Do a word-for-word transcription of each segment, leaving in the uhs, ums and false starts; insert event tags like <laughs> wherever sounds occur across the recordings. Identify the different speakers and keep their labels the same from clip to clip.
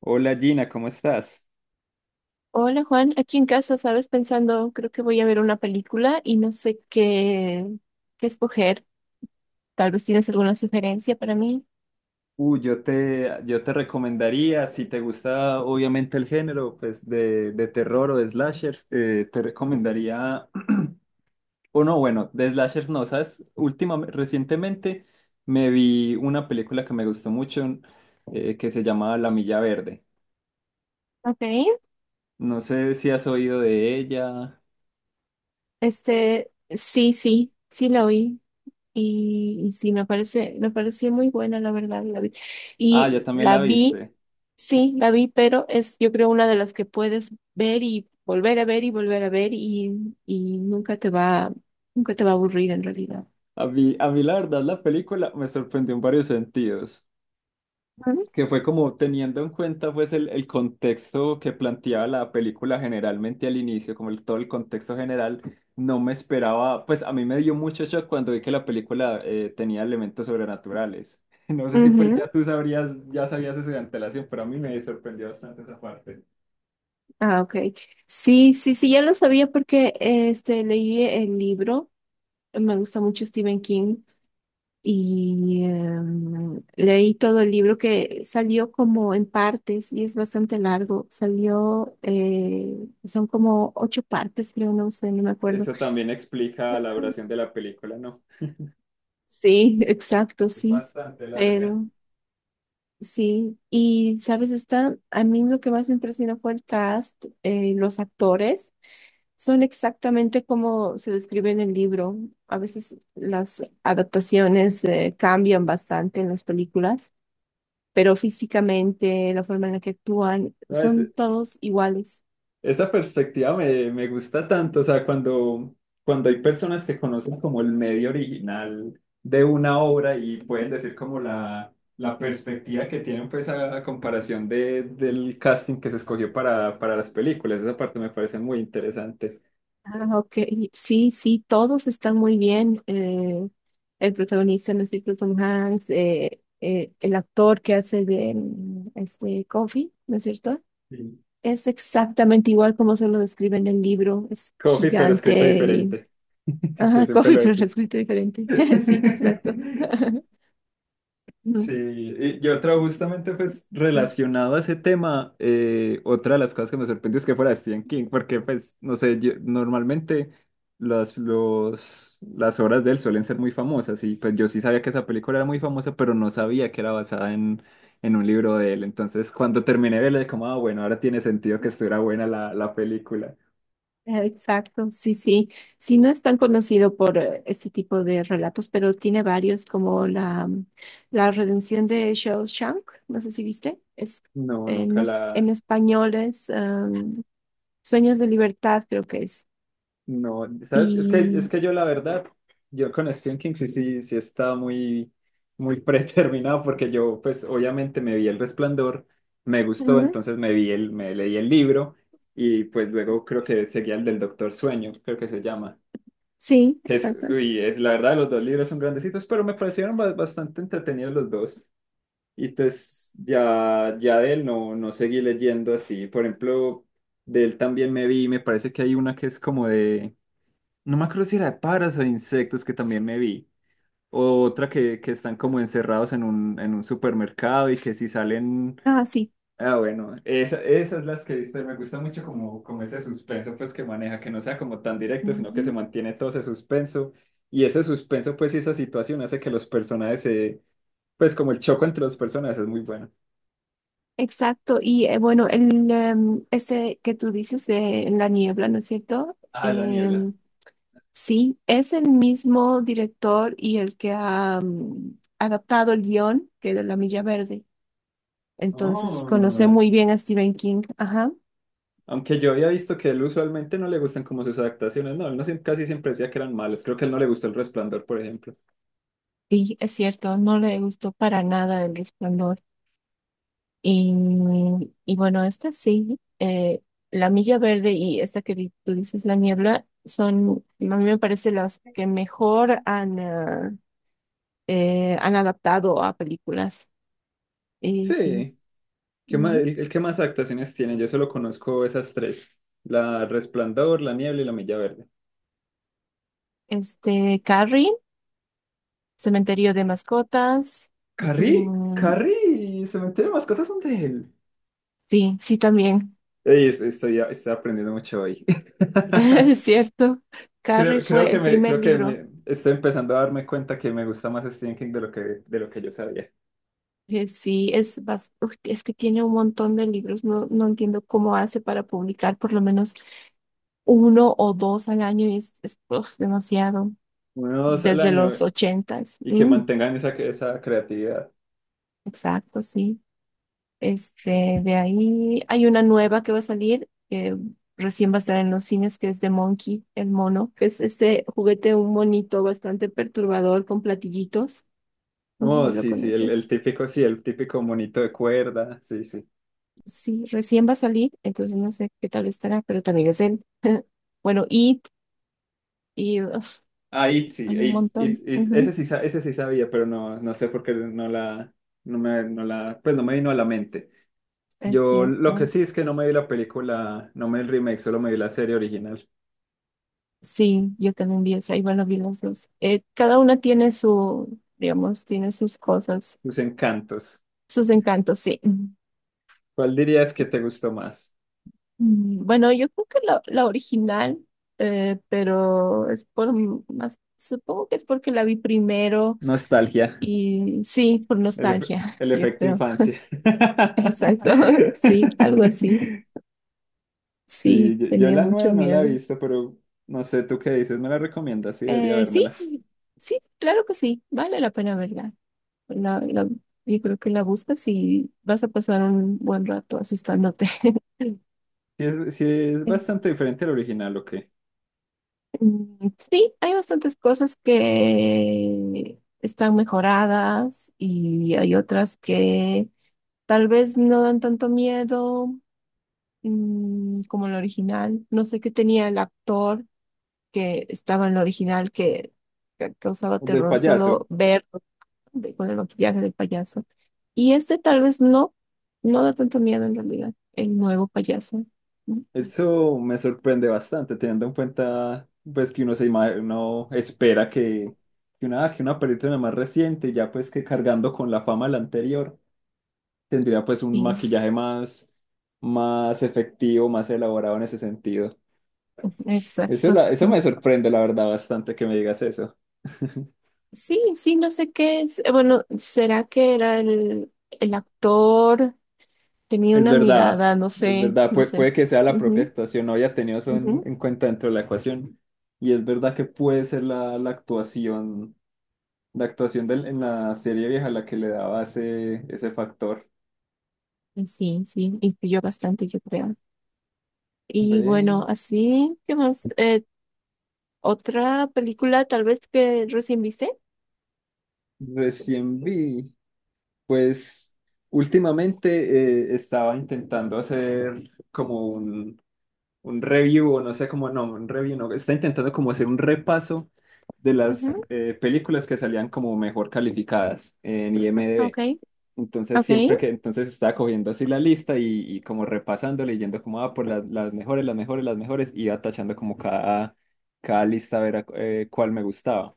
Speaker 1: Hola Gina, ¿cómo estás?
Speaker 2: Hola Juan, aquí en casa, ¿sabes? Pensando, creo que voy a ver una película y no sé qué, qué escoger. Tal vez tienes alguna sugerencia para mí.
Speaker 1: Uh, yo te, yo te recomendaría, si te gusta obviamente el género pues de, de terror o de slashers, eh, te recomendaría, <clears throat> o no, bueno, de slashers no, ¿sabes? Últimamente, recientemente me vi una película que me gustó mucho eh, que se llamaba La Milla Verde.
Speaker 2: Ok.
Speaker 1: No sé si has oído de ella.
Speaker 2: Este, sí, sí, sí la oí. Y, y sí, me parece, me pareció muy buena, la verdad, la vi.
Speaker 1: Ah, ya
Speaker 2: Y
Speaker 1: también
Speaker 2: la
Speaker 1: la
Speaker 2: vi,
Speaker 1: viste.
Speaker 2: sí, la vi, pero es, yo creo, una de las que puedes ver y volver a ver y volver a ver y, y nunca te va, nunca te va a aburrir en realidad.
Speaker 1: A mí, a mí la verdad la película me sorprendió en varios sentidos.
Speaker 2: Ujú.
Speaker 1: que fue como teniendo en cuenta pues el, el contexto que planteaba la película generalmente al inicio, como el- todo el contexto general, no me esperaba, pues a mí me dio mucho shock cuando vi que la película eh, tenía elementos sobrenaturales. <laughs> No sé si pues ya
Speaker 2: Ujú.
Speaker 1: tú sabrías, ya sabías eso de antelación, pero a mí me sorprendió bastante esa parte.
Speaker 2: Ah, ok. Sí, sí, sí, ya lo sabía porque este, leí el libro, me gusta mucho Stephen King y em, leí todo el libro que salió como en partes y es bastante largo, salió, eh, son como ocho partes, creo, no sé, no me acuerdo.
Speaker 1: Eso también explica la duración de la película, ¿no?
Speaker 2: Sí, <laughs> exacto,
Speaker 1: Es
Speaker 2: sí,
Speaker 1: bastante larga.
Speaker 2: pero. Sí, y sabes, está, a mí lo que más me impresionó fue el cast, eh, los actores son exactamente como se describe en el libro. A veces las adaptaciones, eh, cambian bastante en las películas, pero físicamente, la forma en la que actúan,
Speaker 1: No, es,
Speaker 2: son todos iguales.
Speaker 1: Esa perspectiva me, me gusta tanto, o sea, cuando, cuando hay personas que conocen como el medio original de una obra y pueden decir como la, la perspectiva que tienen pues a, a comparación de, del casting que se escogió para, para las películas, esa parte me parece muy interesante.
Speaker 2: Ah, ok. Sí, sí, todos están muy bien. Eh, el protagonista, no sé, Tom Hanks, eh, eh, el actor que hace de mm, este Coffee, ¿no es cierto?
Speaker 1: Sí.
Speaker 2: Es exactamente igual como se lo describe en el libro. Es
Speaker 1: Coffee, pero
Speaker 2: gigante
Speaker 1: escrito
Speaker 2: y.
Speaker 1: diferente, <laughs> que
Speaker 2: Ajá, <laughs>
Speaker 1: siempre
Speaker 2: Coffee,
Speaker 1: lo
Speaker 2: pero
Speaker 1: es.
Speaker 2: lo escrito diferente. <laughs> Sí, exacto.
Speaker 1: <laughs> Sí,
Speaker 2: <laughs>
Speaker 1: y, y otra justamente pues
Speaker 2: No.
Speaker 1: relacionado a ese tema, eh, otra de las cosas que me sorprendió es que fuera Stephen King, porque pues, no sé, yo- normalmente las, los, las obras de él suelen ser muy famosas y pues yo sí sabía que esa película era muy famosa, pero no sabía que era basada en, en un libro de él. Entonces cuando terminé de verla, como, ah, bueno, ahora tiene sentido que estuviera buena la, la película.
Speaker 2: Eh, Exacto, sí, sí. Sí, no es tan conocido por eh, este tipo de relatos, pero tiene varios, como la, mm, la redención de Shawshank, no sé si viste, es,
Speaker 1: No,
Speaker 2: eh,
Speaker 1: nunca
Speaker 2: no s-
Speaker 1: la,
Speaker 2: en español es am, Sueños de Libertad, creo que es.
Speaker 1: No, ¿sabes? Es que, es
Speaker 2: Y
Speaker 1: que yo la verdad, yo con Stephen King sí, sí, sí estaba muy, muy <laughs> predeterminado porque yo pues obviamente me vi El Resplandor, me gustó,
Speaker 2: Ujú.
Speaker 1: entonces me vi el, me leí el libro y pues luego creo que seguía el del Doctor Sueño, creo que se llama.
Speaker 2: Sí,
Speaker 1: Que Es,
Speaker 2: exacto.
Speaker 1: uy, es la verdad, los dos libros son grandecitos, pero me parecieron ba- bastante entretenidos los dos. Y entonces ya, ya de él no, no seguí leyendo así. Por ejemplo, de él también me vi, me parece que hay una que es como de... No me acuerdo si era de pájaros o de insectos que también me vi. O otra que, que están como encerrados en un, en un supermercado y que si salen...
Speaker 2: Ah, sí.
Speaker 1: Ah, bueno, esa, esas las que he visto y me gusta mucho como, como ese suspenso pues que maneja, que no sea como tan directo, sino que se
Speaker 2: Ujú.
Speaker 1: mantiene todo ese suspenso. Y ese suspenso pues y esa situación hace que los personajes se... Pues como el choco entre los personajes es muy bueno.
Speaker 2: Exacto. Y eh, bueno, el, em, ese que tú dices de en la niebla, ¿no es cierto?
Speaker 1: Ah, la niebla.
Speaker 2: Em, Sí, es el mismo director y el que ha mm, adaptado el guión que de La Milla Verde. Entonces, conoce
Speaker 1: Oh.
Speaker 2: muy bien a Stephen King. Ajá.
Speaker 1: Aunque yo había visto que él usualmente no le gustan como sus adaptaciones, no, él no siem- casi siempre decía que eran malas. Creo que a él no le gustó El Resplandor, por ejemplo.
Speaker 2: Sí, es cierto, no le gustó para nada El Resplandor. Y, y bueno, esta sí, eh, La Milla Verde y esta que di- tú dices, La Niebla, son, a mí me parece, las que mejor han, ah, eh, han adaptado a películas. Y sí.
Speaker 1: Sí, ¿qué más,
Speaker 2: Ujú.
Speaker 1: el, el que más adaptaciones tiene? Yo solo conozco esas tres: La Resplandor, La Niebla y La Milla Verde.
Speaker 2: Este, Carrie. Cementerio de mascotas.
Speaker 1: Carrie,
Speaker 2: Mm,
Speaker 1: Carrie, Cementerio de Mascotas son de él.
Speaker 2: sí, sí, también.
Speaker 1: Ey, es- estoy, estoy aprendiendo mucho hoy.
Speaker 2: <laughs> Es
Speaker 1: <laughs>
Speaker 2: cierto. Carrie
Speaker 1: Creo, creo
Speaker 2: fue
Speaker 1: que
Speaker 2: el
Speaker 1: me,
Speaker 2: primer
Speaker 1: creo que
Speaker 2: libro.
Speaker 1: me estoy empezando a darme cuenta que me gusta más Stephen King de lo que, de lo que yo sabía.
Speaker 2: Eh, Sí, es, bas- uf, es que tiene un montón de libros. No, no entiendo cómo hace para publicar por lo menos uno o dos al año. y Es, es, uf, demasiado.
Speaker 1: Uno o dos al
Speaker 2: Desde los
Speaker 1: año
Speaker 2: ochentas.
Speaker 1: y que
Speaker 2: Mm,
Speaker 1: mantengan esa, esa creatividad.
Speaker 2: exacto, sí. Este, de ahí hay una nueva que va a salir, que recién va a estar en los cines, que es de Monkey, el mono, que es este juguete, un monito bastante perturbador con platillitos. No sé
Speaker 1: Oh,
Speaker 2: si lo
Speaker 1: sí, sí, el, el
Speaker 2: conoces.
Speaker 1: típico, sí, el típico monito de cuerda, sí, sí.
Speaker 2: Sí, recién va a salir, entonces no sé qué tal estará, pero también es él. <laughs> Bueno, It, y uf,
Speaker 1: Ah, It, sí,
Speaker 2: hay un
Speaker 1: It, It,
Speaker 2: montón.
Speaker 1: It, ese
Speaker 2: Ujú,
Speaker 1: sí, sa- ese sí sabía, pero no, no sé por qué no la, no me, no la, pues no me vino a la mente.
Speaker 2: es
Speaker 1: Yo lo que
Speaker 2: cierto.
Speaker 1: sí es que no me vi la película, no me vi el remake, solo me vi la serie original.
Speaker 2: Sí, yo también vi esa, y bueno, vi los dos. Eh, cada una tiene su, digamos, tiene sus cosas,
Speaker 1: Sus encantos.
Speaker 2: sus encantos, sí.
Speaker 1: ¿Cuál dirías que te gustó más?
Speaker 2: Mm, Bueno, yo creo que la, la original, eh, pero es por m- más, supongo que es porque la vi primero
Speaker 1: Nostalgia,
Speaker 2: y sí, por
Speaker 1: el, efe-
Speaker 2: nostalgia,
Speaker 1: el
Speaker 2: yo
Speaker 1: efecto
Speaker 2: creo. <laughs>
Speaker 1: infancia.
Speaker 2: Exacto, <laughs> sí, algo así.
Speaker 1: <laughs> Sí,
Speaker 2: Sí,
Speaker 1: yo, yo
Speaker 2: tenía
Speaker 1: la
Speaker 2: mucho
Speaker 1: nueva no la he
Speaker 2: miedo.
Speaker 1: visto, pero no sé, ¿tú qué dices? ¿Me la recomiendas? Sí, debería
Speaker 2: Eh,
Speaker 1: vérmela.
Speaker 2: sí, sí, claro que sí, vale la pena verla. La, la- yo creo que la buscas y vas a pasar un buen rato asustándote. <laughs>
Speaker 1: Sí es, sí es bastante diferente al original, ¿o qué?
Speaker 2: Mm, Sí, hay bastantes cosas que están mejoradas y hay otras que tal vez no dan tanto miedo mm, como el original. No sé qué tenía el actor que estaba en el original que ca- causaba
Speaker 1: El del
Speaker 2: terror
Speaker 1: payaso.
Speaker 2: solo ver con el maquillaje del payaso. Y este tal vez no, no da tanto miedo en realidad, el nuevo payaso. Mm,
Speaker 1: Eso me sorprende bastante, teniendo en cuenta pues que uno se ima- uno espera que, que una, que una película más reciente, ya pues que cargando con la fama de la anterior, tendría pues un
Speaker 2: Sí,
Speaker 1: maquillaje más, más efectivo, más elaborado en ese sentido.
Speaker 2: <laughs>
Speaker 1: Eso,
Speaker 2: exacto.
Speaker 1: la- eso me sorprende, la verdad, bastante que me digas eso. <laughs>
Speaker 2: Sí, sí, no sé qué es. eh, Bueno, ¿será que era el, el actor? Tenía
Speaker 1: Es
Speaker 2: una
Speaker 1: verdad,
Speaker 2: mirada, no
Speaker 1: es
Speaker 2: sé,
Speaker 1: verdad,
Speaker 2: no
Speaker 1: Pue-
Speaker 2: sé.
Speaker 1: puede que sea la propia
Speaker 2: Ujú,
Speaker 1: actuación, no había tenido eso en,
Speaker 2: ujú.
Speaker 1: en cuenta dentro de la ecuación. Y es verdad que puede ser la, la actuación, la actuación del, en la serie vieja la que le daba ese, ese factor.
Speaker 2: Y sí, sí, influyó bastante, yo creo. Y
Speaker 1: Ve,
Speaker 2: bueno, así, ¿qué más? Eh, ¿otra película tal vez que recién viste?
Speaker 1: recién vi, pues últimamente eh, estaba intentando hacer como un, un review, o no sé cómo, no, un review, no, está intentando como hacer un repaso de las
Speaker 2: Ujú,
Speaker 1: eh, películas que salían como mejor calificadas en IMDb.
Speaker 2: ok,
Speaker 1: Entonces,
Speaker 2: ok.
Speaker 1: siempre que, entonces estaba cogiendo así la lista y, y como repasando, leyendo como, ah, por las, las mejores, las mejores, las mejores, iba tachando como cada, cada lista a ver a- eh, cuál me gustaba.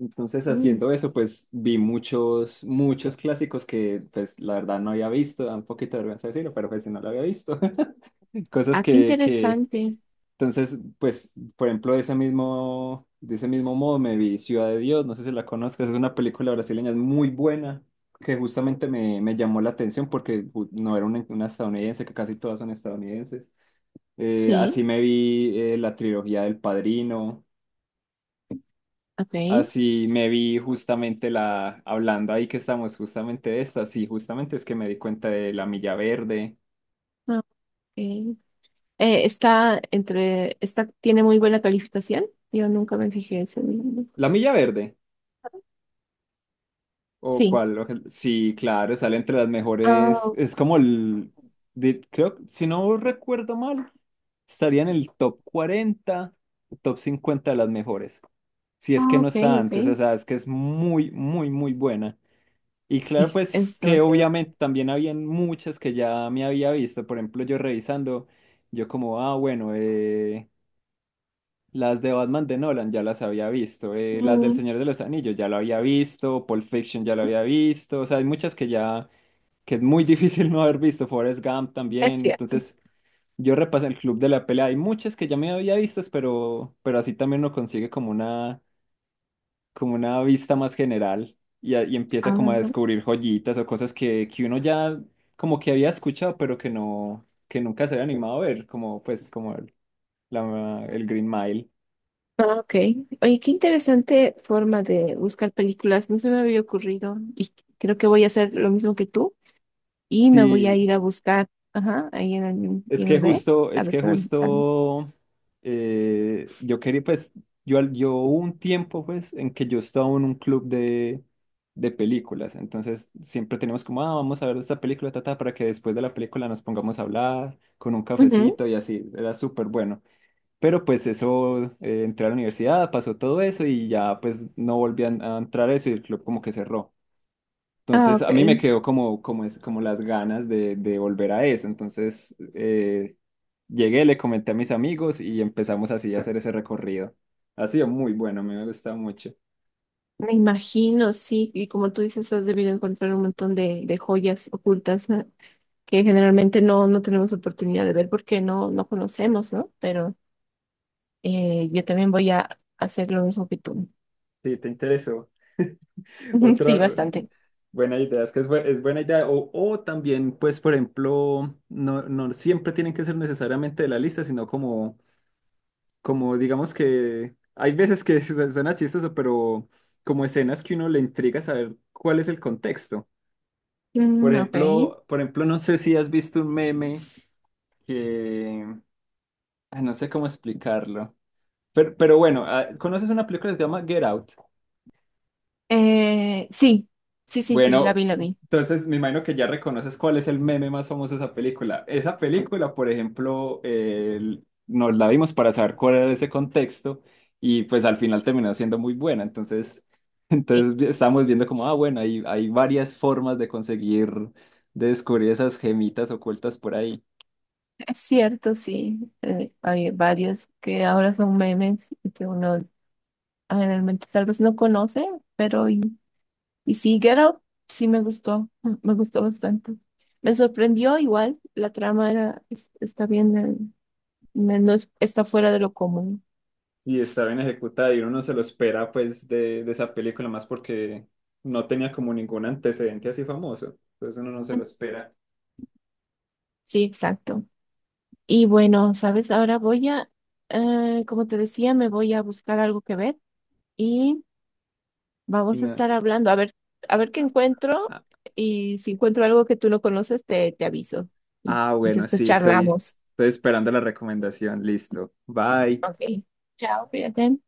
Speaker 1: Entonces,
Speaker 2: Mm,
Speaker 1: haciendo eso, pues vi muchos, muchos clásicos que, pues, la verdad no había visto, da un poquito de vergüenza decirlo, pero pues si no lo había visto, <laughs> cosas
Speaker 2: ah, qué
Speaker 1: que, que,
Speaker 2: interesante.
Speaker 1: entonces, pues, por ejemplo, de ese mismo, de ese mismo modo me vi Ciudad de Dios, no sé si la conozcas, es una película brasileña muy buena, que justamente me, me llamó la atención porque ju- no era una, una estadounidense, que casi todas son estadounidenses. Eh, así
Speaker 2: Sí,
Speaker 1: me vi eh, la trilogía del Padrino,
Speaker 2: ok.
Speaker 1: así me vi justamente la, hablando ahí que estamos justamente de esta, sí, justamente es que me di cuenta de La Milla Verde.
Speaker 2: Ah, ok, Eh, está entre, está, tiene muy buena calificación. Yo nunca me fijé en ese libro.
Speaker 1: La Milla Verde. O
Speaker 2: Sí.
Speaker 1: cuál, oje- sí, claro, sale entre las mejores.
Speaker 2: Ah,
Speaker 1: Es como el, de- creo, si no recuerdo mal, estaría en el top cuarenta top cincuenta de las mejores. Si es que
Speaker 2: ah,
Speaker 1: no
Speaker 2: ok,
Speaker 1: está
Speaker 2: ok.
Speaker 1: antes, o sea, es que es muy, muy, muy buena. Y claro,
Speaker 2: Sí,
Speaker 1: pues
Speaker 2: es
Speaker 1: que
Speaker 2: demasiado.
Speaker 1: obviamente también habían muchas que ya me había visto. Por ejemplo, yo revisando, yo como, ah, bueno, eh, las de Batman de Nolan ya las había visto, eh, las del
Speaker 2: Mm,
Speaker 1: Señor de los Anillos ya lo había visto, Pulp Fiction ya lo había visto, o sea, hay muchas que ya, que es muy <laughs> difícil no haber visto, Forrest Gump
Speaker 2: es
Speaker 1: también,
Speaker 2: cierto.
Speaker 1: entonces yo repasé el Club de la Pelea, hay muchas que ya me había visto, pero, pero así también uno consigue como una, como una vista más general y, a- y empieza como a
Speaker 2: Ah,
Speaker 1: descubrir joyitas o cosas que, que uno ya como que había escuchado, pero que no, que nunca se había animado a ver, como pues como el, la- el Green Mile.
Speaker 2: ah, ok. Oye, qué interesante forma de buscar películas. No se me había ocurrido. Y creo que voy a hacer lo mismo que tú. Y me voy a
Speaker 1: Sí,
Speaker 2: ir a buscar, ajá, ahí en el
Speaker 1: Es que
Speaker 2: I M D B,
Speaker 1: justo,
Speaker 2: a
Speaker 1: es
Speaker 2: ver
Speaker 1: que
Speaker 2: qué me sale.
Speaker 1: justo, eh, yo quería, pues, yo, al- yo hubo un tiempo, pues, en que yo estaba en un club de, de películas, entonces siempre teníamos como, ah, vamos a ver esta película, tata, para que después de la película nos pongamos a hablar con un
Speaker 2: Ujú.
Speaker 1: cafecito y así, era súper bueno. Pero pues eso, eh, entré a la universidad, pasó todo eso y ya pues no volví a, a entrar a eso y el club como que cerró.
Speaker 2: Ah,
Speaker 1: Entonces
Speaker 2: ok.
Speaker 1: a mí me quedó como, como, es- como las ganas de, de volver a eso. Entonces eh, llegué, le comenté a mis amigos y empezamos así a hacer ese recorrido. Ha sido muy bueno, a mí me gusta mucho.
Speaker 2: Me imagino, sí, y como tú dices, has debido encontrar un montón de, de joyas ocultas, ¿no? Que generalmente no, no tenemos oportunidad de ver porque no, no conocemos, ¿no? Pero eh, yo también voy a hacer lo mismo que tú.
Speaker 1: Sí, te interesó.
Speaker 2: <laughs> Sí,
Speaker 1: Otra
Speaker 2: bastante.
Speaker 1: buena idea, es que es, bu- es buena idea. O, o también, pues, por ejemplo, no, no siempre tienen que ser necesariamente de la lista, sino como, como digamos que hay veces que <laughs> su- suena chistoso, pero como escenas que uno le intriga saber cuál es el contexto. Por
Speaker 2: Mm, ok.
Speaker 1: ejemplo, por ejemplo, no sé si has visto un meme que ah, no sé cómo explicarlo. Pero, pero bueno, ah, ¿conoces una película que se llama Get Out?
Speaker 2: Eh, sí, sí, sí, sí, la
Speaker 1: Bueno,
Speaker 2: vi, la vi.
Speaker 1: entonces me imagino que ya reconoces cuál es el meme más famoso de esa película. Esa película, por ejemplo, eh, nos la vimos para saber cuál era ese contexto y pues al final terminó siendo muy buena. Entonces, <laughs>
Speaker 2: Sí,
Speaker 1: entonces estábamos viendo como, ah, bueno, hay, hay varias formas de conseguir, de descubrir esas gemitas ocultas por ahí.
Speaker 2: <laughs> es cierto, sí. Eh, hay varios que ahora son memes y que uno generalmente tal vez no conoce, pero. Y sí, Get Out sí me gustó, mm, me gustó bastante. Me sorprendió igual, la trama era, es- está bien, eh, no no es- está fuera de lo común.
Speaker 1: Y está bien ejecutada y uno no se lo espera pues de, de esa película más porque no tenía como ningún antecedente así famoso, entonces uno no se lo
Speaker 2: Mm,
Speaker 1: espera
Speaker 2: Sí, exacto. Y bueno, sabes, ahora voy a, eh, como te decía, me voy a buscar algo que ver y
Speaker 1: y
Speaker 2: vamos a
Speaker 1: nada.
Speaker 2: estar hablando, a ver, a ver qué
Speaker 1: Ah,
Speaker 2: encuentro
Speaker 1: ah,
Speaker 2: y si encuentro algo que tú no conoces, te, te aviso y,
Speaker 1: ah,
Speaker 2: y
Speaker 1: bueno,
Speaker 2: después
Speaker 1: sí, estoy,
Speaker 2: charlamos.
Speaker 1: estoy esperando la recomendación, listo, bye.
Speaker 2: Ok, chao, cuídate.